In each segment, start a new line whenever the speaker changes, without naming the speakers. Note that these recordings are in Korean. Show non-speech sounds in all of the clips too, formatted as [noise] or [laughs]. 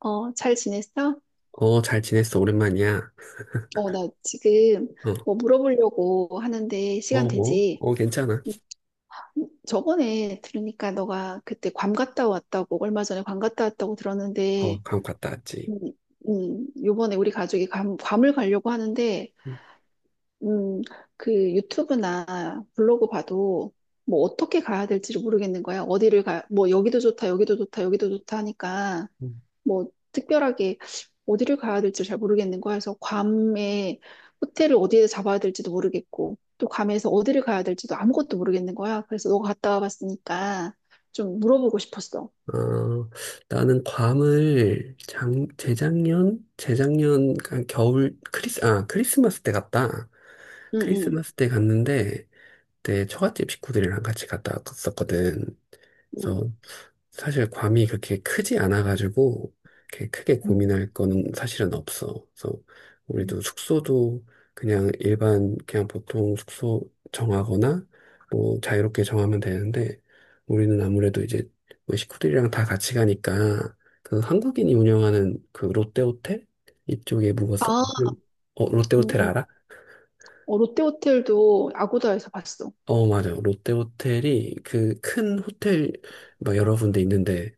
어, 잘 지냈어?
잘 지냈어. 오랜만이야.
어, 나 지금
어,
뭐 물어보려고 하는데 시간
어, 뭐?
되지?
어, 괜찮아.
음, 저번에 들으니까 너가 그때 괌 갔다 왔다고, 얼마 전에 괌 갔다 왔다고 들었는데,
어, 괌 갔다 왔지.
음, 요번에 우리 가족이 괌을 가려고 하는데,
음,
음, 그 유튜브나 블로그 봐도 뭐 어떻게 가야 될지를 모르겠는 거야. 어디를 가, 뭐 여기도 좋다, 여기도 좋다, 여기도 좋다 하니까.
음.
뭐 특별하게 어디를 가야 될지 잘 모르겠는 거야. 그래서 괌에 호텔을 어디에 잡아야 될지도 모르겠고 또 괌에서 어디를 가야 될지도 아무것도 모르겠는 거야. 그래서 너가 갔다 와봤으니까 좀 물어보고 싶었어.
어, 나는 괌을 재작년? 재작년, 한 겨울, 크리스마스 때 갔다.
응응.
크리스마스 때 갔는데, 그때 처갓집 식구들이랑 같이 갔다 왔었거든.
응. 응.
그래서 사실 괌이 그렇게 크지 않아가지고 이렇게 크게
응.
고민할 거는 사실은 없어. 그래서
응.
우리도 숙소도 그냥 일반 그냥 보통 숙소 정하거나 뭐 자유롭게 정하면 되는데 우리는 아무래도 이제 뭐 식구들이랑 다 같이 가니까 그 한국인이 운영하는 그 롯데호텔 이쪽에
아,
묵었었거든. 어, 롯데호텔
응응.
알아?
어, 롯데호텔도 아고다에서 봤어.
어, 맞아요. 롯데 호텔이 그 큰 호텔 막 여러 군데 있는데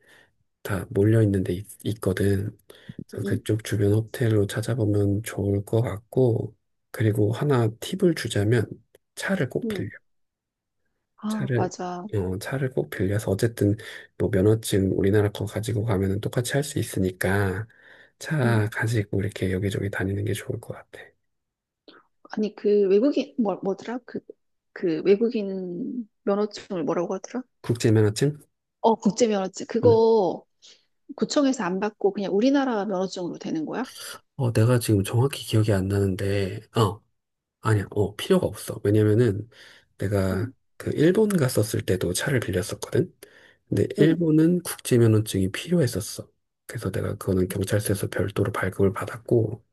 다 몰려 있거든. 그래서
응응.
그쪽 주변 호텔로 찾아보면 좋을 것 같고, 그리고 하나 팁을 주자면 차를 꼭 빌려.
응. 아,
차를
맞아.
어, 차를 꼭 빌려서 어쨌든 뭐 면허증 우리나라 거 가지고 가면은 똑같이 할 수 있으니까
응.
차 가지고 이렇게 여기저기 다니는 게 좋을 것 같아.
아니 그 외국인 뭐 뭐더라? 그 외국인 면허증을 뭐라고 하더라?
국제 면허증?
어, 국제 면허증.
응.
그거 구청에서 안 받고 그냥 우리나라 면허증으로 되는 거야?
어, 내가 지금 정확히 기억이 안 나는데 어. 아니야, 어, 필요가 없어. 왜냐면은
응,
내가 그 일본 갔었을 때도 차를 빌렸었거든. 근데
응,
일본은 국제 면허증이 필요했었어. 그래서 내가 그거는 경찰서에서 별도로 발급을 받았고,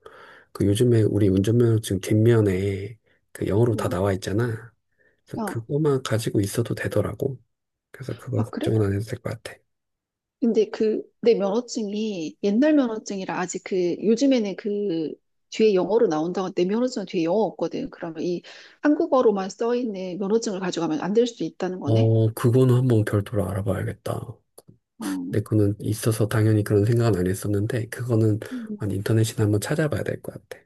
그 요즘에 우리 운전면허증 뒷면에 그 영어로 다
응.
나와 있잖아.
어.
그래서
아,
그거만 가지고 있어도 되더라고. 그래서 그거
아, 그래?
걱정은 안 해도 될 것 같아.
근데 그, 내 면허증이 옛날 면허증이라 아직 그, 요즘에는 그, 뒤에 영어로 나온다고 내 면허증은 뒤에 영어 없거든. 그러면 이 한국어로만 써 있는 면허증을 가져가면 안 될 수도 있다는 거네.
어, 그거는 한번 별도로 알아봐야겠다.
어.
내 거는 있어서 당연히 그런 생각은 안 했었는데, 그거는
음,
한 인터넷이나 한번 찾아봐야 될 것 같아.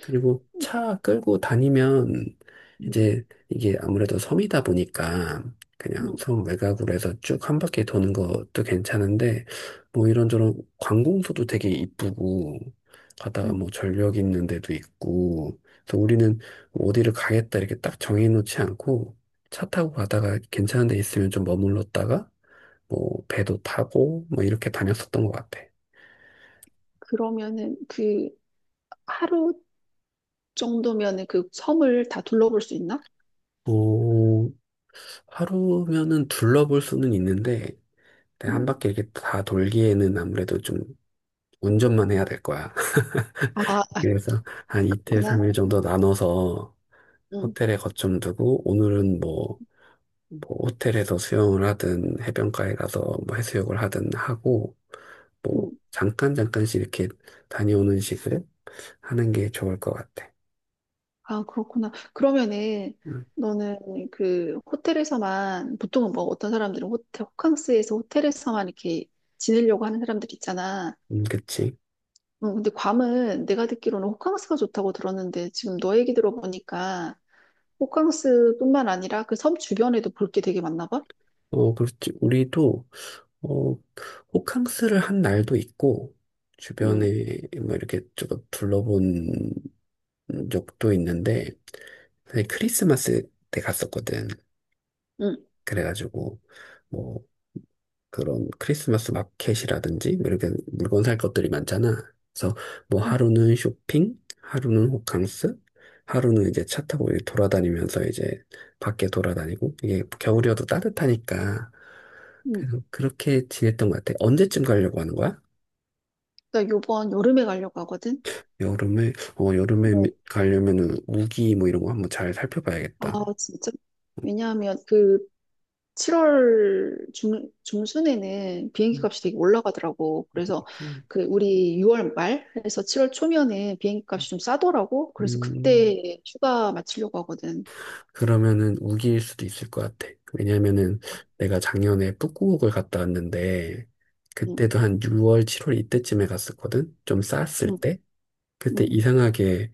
그리고 차 끌고 다니면
음,
이제 이게 아무래도 섬이다 보니까 그냥
음,
섬 외곽으로 해서 쭉 한 바퀴 도는 것도 괜찮은데, 뭐 이런저런 관공서도 되게 이쁘고, 가다가 뭐
음.
전력 있는 데도 있고, 그래서 우리는 뭐 어디를 가겠다 이렇게 딱 정해놓지 않고, 차 타고 가다가 괜찮은 데 있으면 좀 머물렀다가, 뭐 배도 타고 뭐 이렇게 다녔었던 것 같아.
그러면은 그 하루 정도면은 그 섬을 다 둘러볼 수 있나?
뭐 하루면은 둘러볼 수는 있는데 네, 한
음.
바퀴 이렇게 다 돌기에는 아무래도 좀 운전만 해야 될 거야. [laughs]
아,
그래서 한 이틀,
그렇구나.
삼일
응,
정도 나눠서
응,
호텔에 거점 두고 오늘은
응.
뭐, 뭐 호텔에서 수영을 하든 해변가에 가서 뭐 해수욕을 하든 하고
응.
뭐 잠깐 잠깐씩 이렇게 다녀오는 식을 하는 게 좋을 것 같아.
아, 그렇구나. 그러면은
음,
너는 그 호텔에서만 보통은 뭐 어떤 사람들은 호텔 호캉스에서 호텔에서만 이렇게 지내려고 하는 사람들 있잖아.
그치.
응, 근데 괌은 내가 듣기로는 호캉스가 좋다고 들었는데 지금 너 얘기 들어보니까 호캉스뿐만 아니라 그 섬 주변에도 볼 게 되게 많나 봐.
어, 그렇지. 우리도 어, 호캉스를 한 날도 있고,
응,
주변에 뭐 이렇게 조금 둘러본 적도 있는데, 사실 크리스마스 때 갔었거든.
응,
그래가지고, 뭐, 그런 크리스마스 마켓이라든지 뭐 이렇게 물건 살 것들이 많잖아. 그래서 뭐
응.
하루는 쇼핑, 하루는 호캉스, 하루는 이제 차 타고 이렇게 돌아다니면서 이제 밖에 돌아다니고 이게 겨울이어도 따뜻하니까
응.
그래서 그렇게 지냈던 것 같아. 언제쯤 가려고 하는 거야?
나 요번 여름에 가려고 하거든.
여름에
어,
가려면은 우기 뭐 이런 거 한번 잘
아,
살펴봐야겠다.
진짜? 왜냐하면 그 7월 중순에는 비행기
음,
값이 되게 올라가더라고. 그래서
음,
그 우리 6월 말에서 7월 초면에 비행기
음.
값이 좀 싸더라고. 그래서
음.
그때 휴가 마치려고 하거든.
그러면은 우기일 수도 있을 것 같아. 왜냐면은 내가 작년에 북구옥을 갔다 왔는데
응,
그때도 한 6월, 7월 이때쯤에 갔었거든. 좀 쌌을
응,
때. 그때
응,
이상하게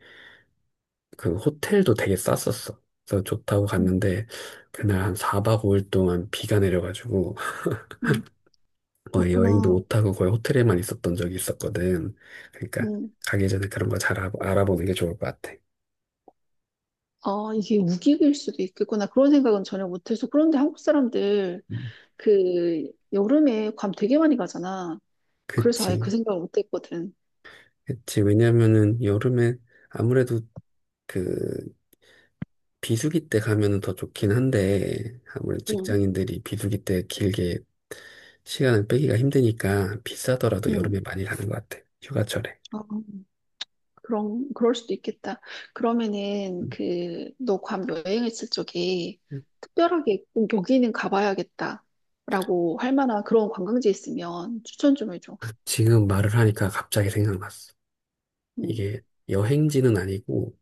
그 호텔도 되게 쌌었어. 그래서 좋다고
응,
갔는데 그날 한 4박 5일 동안 비가 내려가지고
응.
거의 여행도
그렇구나.
못하고 거의 호텔에만 있었던 적이 있었거든. 그러니까
응.
가기 전에 그런 거 잘 알아보는 게 좋을 것 같아.
아, 이게 우기일 수도 있겠구나. 그런 생각은 전혀 못해서. 그런데 한국 사람들
음.
그 여름에 괌 되게 많이 가잖아. 그래서 아예 그
그치.
생각을 못했거든.
그치. 왜냐면은 여름에 아무래도 그 비수기 때 가면은 더 좋긴 한데, 아무래도
응,
직장인들이 비수기 때 길게 시간을 빼기가 힘드니까 비싸더라도
응.
여름에 많이 가는 것 같아. 휴가철에.
아, 그럴 수도 있겠다. 그러면은,
음,
그, 너 괌 여행했을 적에
음.
특별하게 꼭 여기는 가봐야겠다. 라고 할 만한 그런 관광지 있으면 추천 좀 해줘.
지금 말을 하니까 갑자기 생각났어.
응,
이게 여행지는 아니고,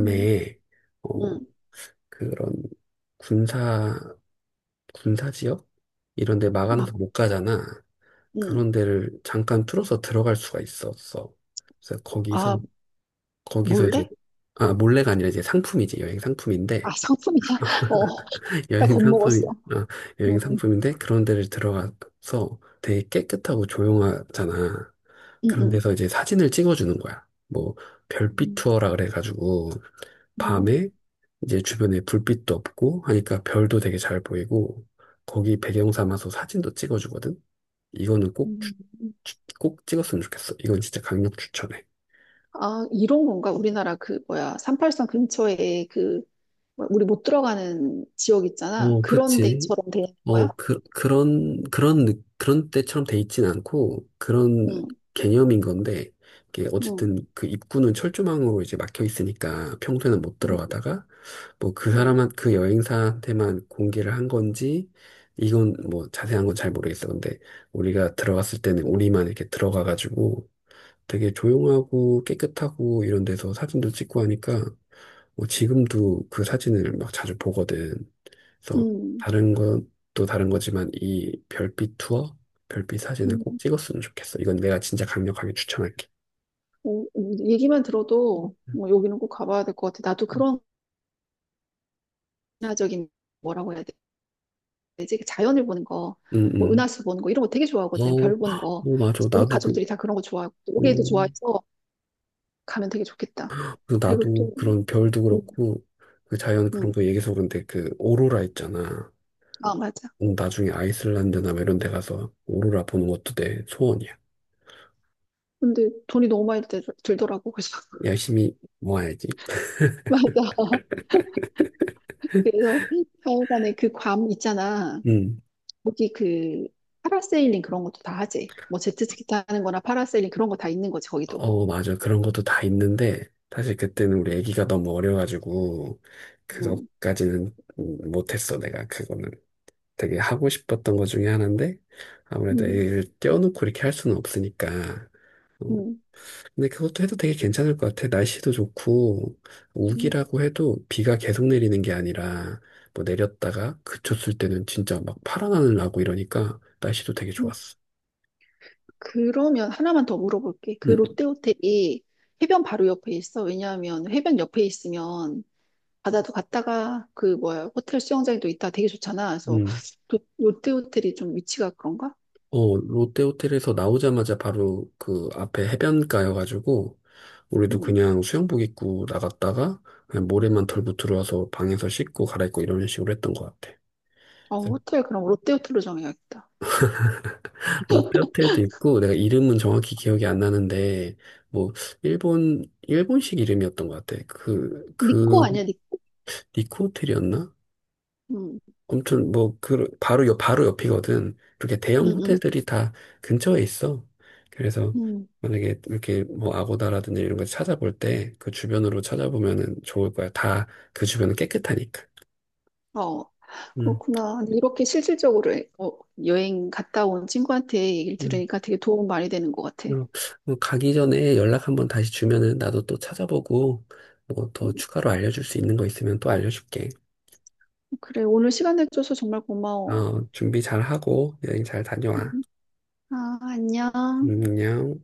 응,
어,
응.
그런 군사, 군사 지역? 이런 데 막아놔서
아,
못 가잖아.
응.
그런 데를 잠깐 뚫어서 들어갈 수가 있었어. 그래서 거기서
아,
이제
몰래?
아 몰래가 아니라 이제 상품이지 여행 상품인데
아, 상품이야? [laughs] 어,
[laughs]
나
여행 상품이
겁먹었어.
아 여행
응,
상품인데 그런 데를 들어가서 되게 깨끗하고 조용하잖아.
응,
그런
응.
데서 이제 사진을 찍어주는 거야. 뭐 별빛
응,
투어라 그래가지고
응,
밤에 이제 주변에 불빛도 없고 하니까 별도 되게 잘 보이고 거기 배경 삼아서 사진도 찍어주거든. 이거는 꼭,
응. 응.
꼭 찍었으면 좋겠어. 이건 진짜 강력 추천해.
아, 이런 건가? 우리나라 그, 뭐야, 383 근처에 그, 뭐야, 우리 못 들어가는 지역 있잖아.
어,
그런
그치.
데처럼 되는
어,
거야?
그런 때처럼 돼 있진 않고, 그런
응,
개념인 건데, 이게
응,
어쨌든 그 입구는 철조망으로 이제 막혀 있으니까 평소에는 못
응,
들어가다가, 뭐
응,
그 여행사한테만 공개를 한 건지, 이건 뭐 자세한 건 잘 모르겠어. 근데 우리가 들어갔을 때는 우리만 이렇게 들어가가지고 되게 조용하고 깨끗하고 이런 데서 사진도 찍고 하니까, 뭐 지금도 그 사진을 막 자주 보거든. 그래서
응,
다른 것도 다른 거지만 이 별빛 투어, 별빛 사진을 꼭
응.
찍었으면 좋겠어. 이건 내가 진짜 강력하게 추천할게.
어, 얘기만 들어도 뭐 여기는 꼭 가봐야 될 것 같아. 나도 그런 문화적인 뭐라고 해야 되지? 그 자연을 보는 거,
응,
뭐
응.
은하수 보는 거 이런 거 되게
어,
좋아하거든. 별 보는 거.
어, 맞아.
우리 가족들이 다 그런 거 좋아하고 또 우리도 좋아해서 가면 되게 좋겠다.
그
그리고
나도
또,
그런 별도
응,
그렇고, 그 자연 그런
응,
거 얘기해서 그런데 그 오로라 있잖아.
아 맞아.
응, 나중에 아이슬란드나 뭐 이런 데 가서 오로라 보는 것도 내 소원이야.
근데 돈이 너무 많이 들더라고. 그래서
열심히 모아야지.
[laughs] 맞아. 그래서 하여간에 그 괌 있잖아.
응.
거기 그 파라세일링 그런 것도 다 하지. 뭐 제트스키 타는 거나 파라세일링 그런 거 다 있는 거지, 거기도.
어, 맞아. 그런 것도 다 있는데, 사실 그때는 우리 아기가 너무 어려가지고,
음,
그것까지는 못했어, 내가. 그거는 되게 하고 싶었던 것 중에 하나인데, 아무래도
음,
애를 떼어놓고 이렇게 할 수는 없으니까. 어,
음,
근데 그것도 해도 되게 괜찮을 것 같아. 날씨도 좋고,
음,
우기라고 해도 비가 계속 내리는 게 아니라, 뭐 내렸다가 그쳤을 때는 진짜 막 파란 하늘 나고 이러니까 날씨도 되게
음.
좋았어.
그러면 하나만 더 물어볼게. 그
응,
롯데 호텔이 해변 바로 옆에 있어. 왜냐하면 해변 옆에 있으면 바다도 갔다가 그 뭐야 호텔 수영장도 있다 되게 좋잖아. 그래서
응.
롯데 호텔이 좀 위치가 그런가?
어, 롯데 호텔에서 나오자마자 바로 그 앞에 해변가여가지고, 우리도
음.
그냥 수영복 입고 나갔다가, 그냥 모래만 털고 들어와서 방에서 씻고 갈아입고 이런 식으로 했던 것 같아.
어,
그래서
호텔 그럼 롯데 호텔로 정해야겠다.
롯데 호텔도 있고, 내가 이름은 정확히 기억이 안 나는데, 뭐, 일본식 이름이었던 것 같아.
니코 아니야, 니코?
니코 호텔이었나?
음,
아무튼 뭐 그 바로 옆이거든. 이렇게
음,
대형
음,
호텔들이 다 근처에 있어. 그래서
음.
만약에 이렇게 뭐 아고다라든지 이런 거 찾아볼 때 그 주변으로 찾아보면은 좋을 거야. 다 그 주변은 깨끗하니까.
어,
음,
그렇구나. 근데 이렇게 실질적으로 어, 여행 갔다 온 친구한테 얘기를
음.
들으니까 되게 도움 많이 되는 것 같아.
어, 어, 가기 전에 연락 한번 다시 주면은 나도 또 찾아보고 뭐 더 추가로 알려줄 수 있는 거 있으면 또 알려줄게.
그래, 오늘 시간 내줘서 정말 고마워.
어, 준비 잘 하고 여행 잘 다녀와.
음, 아, 안녕.
안녕.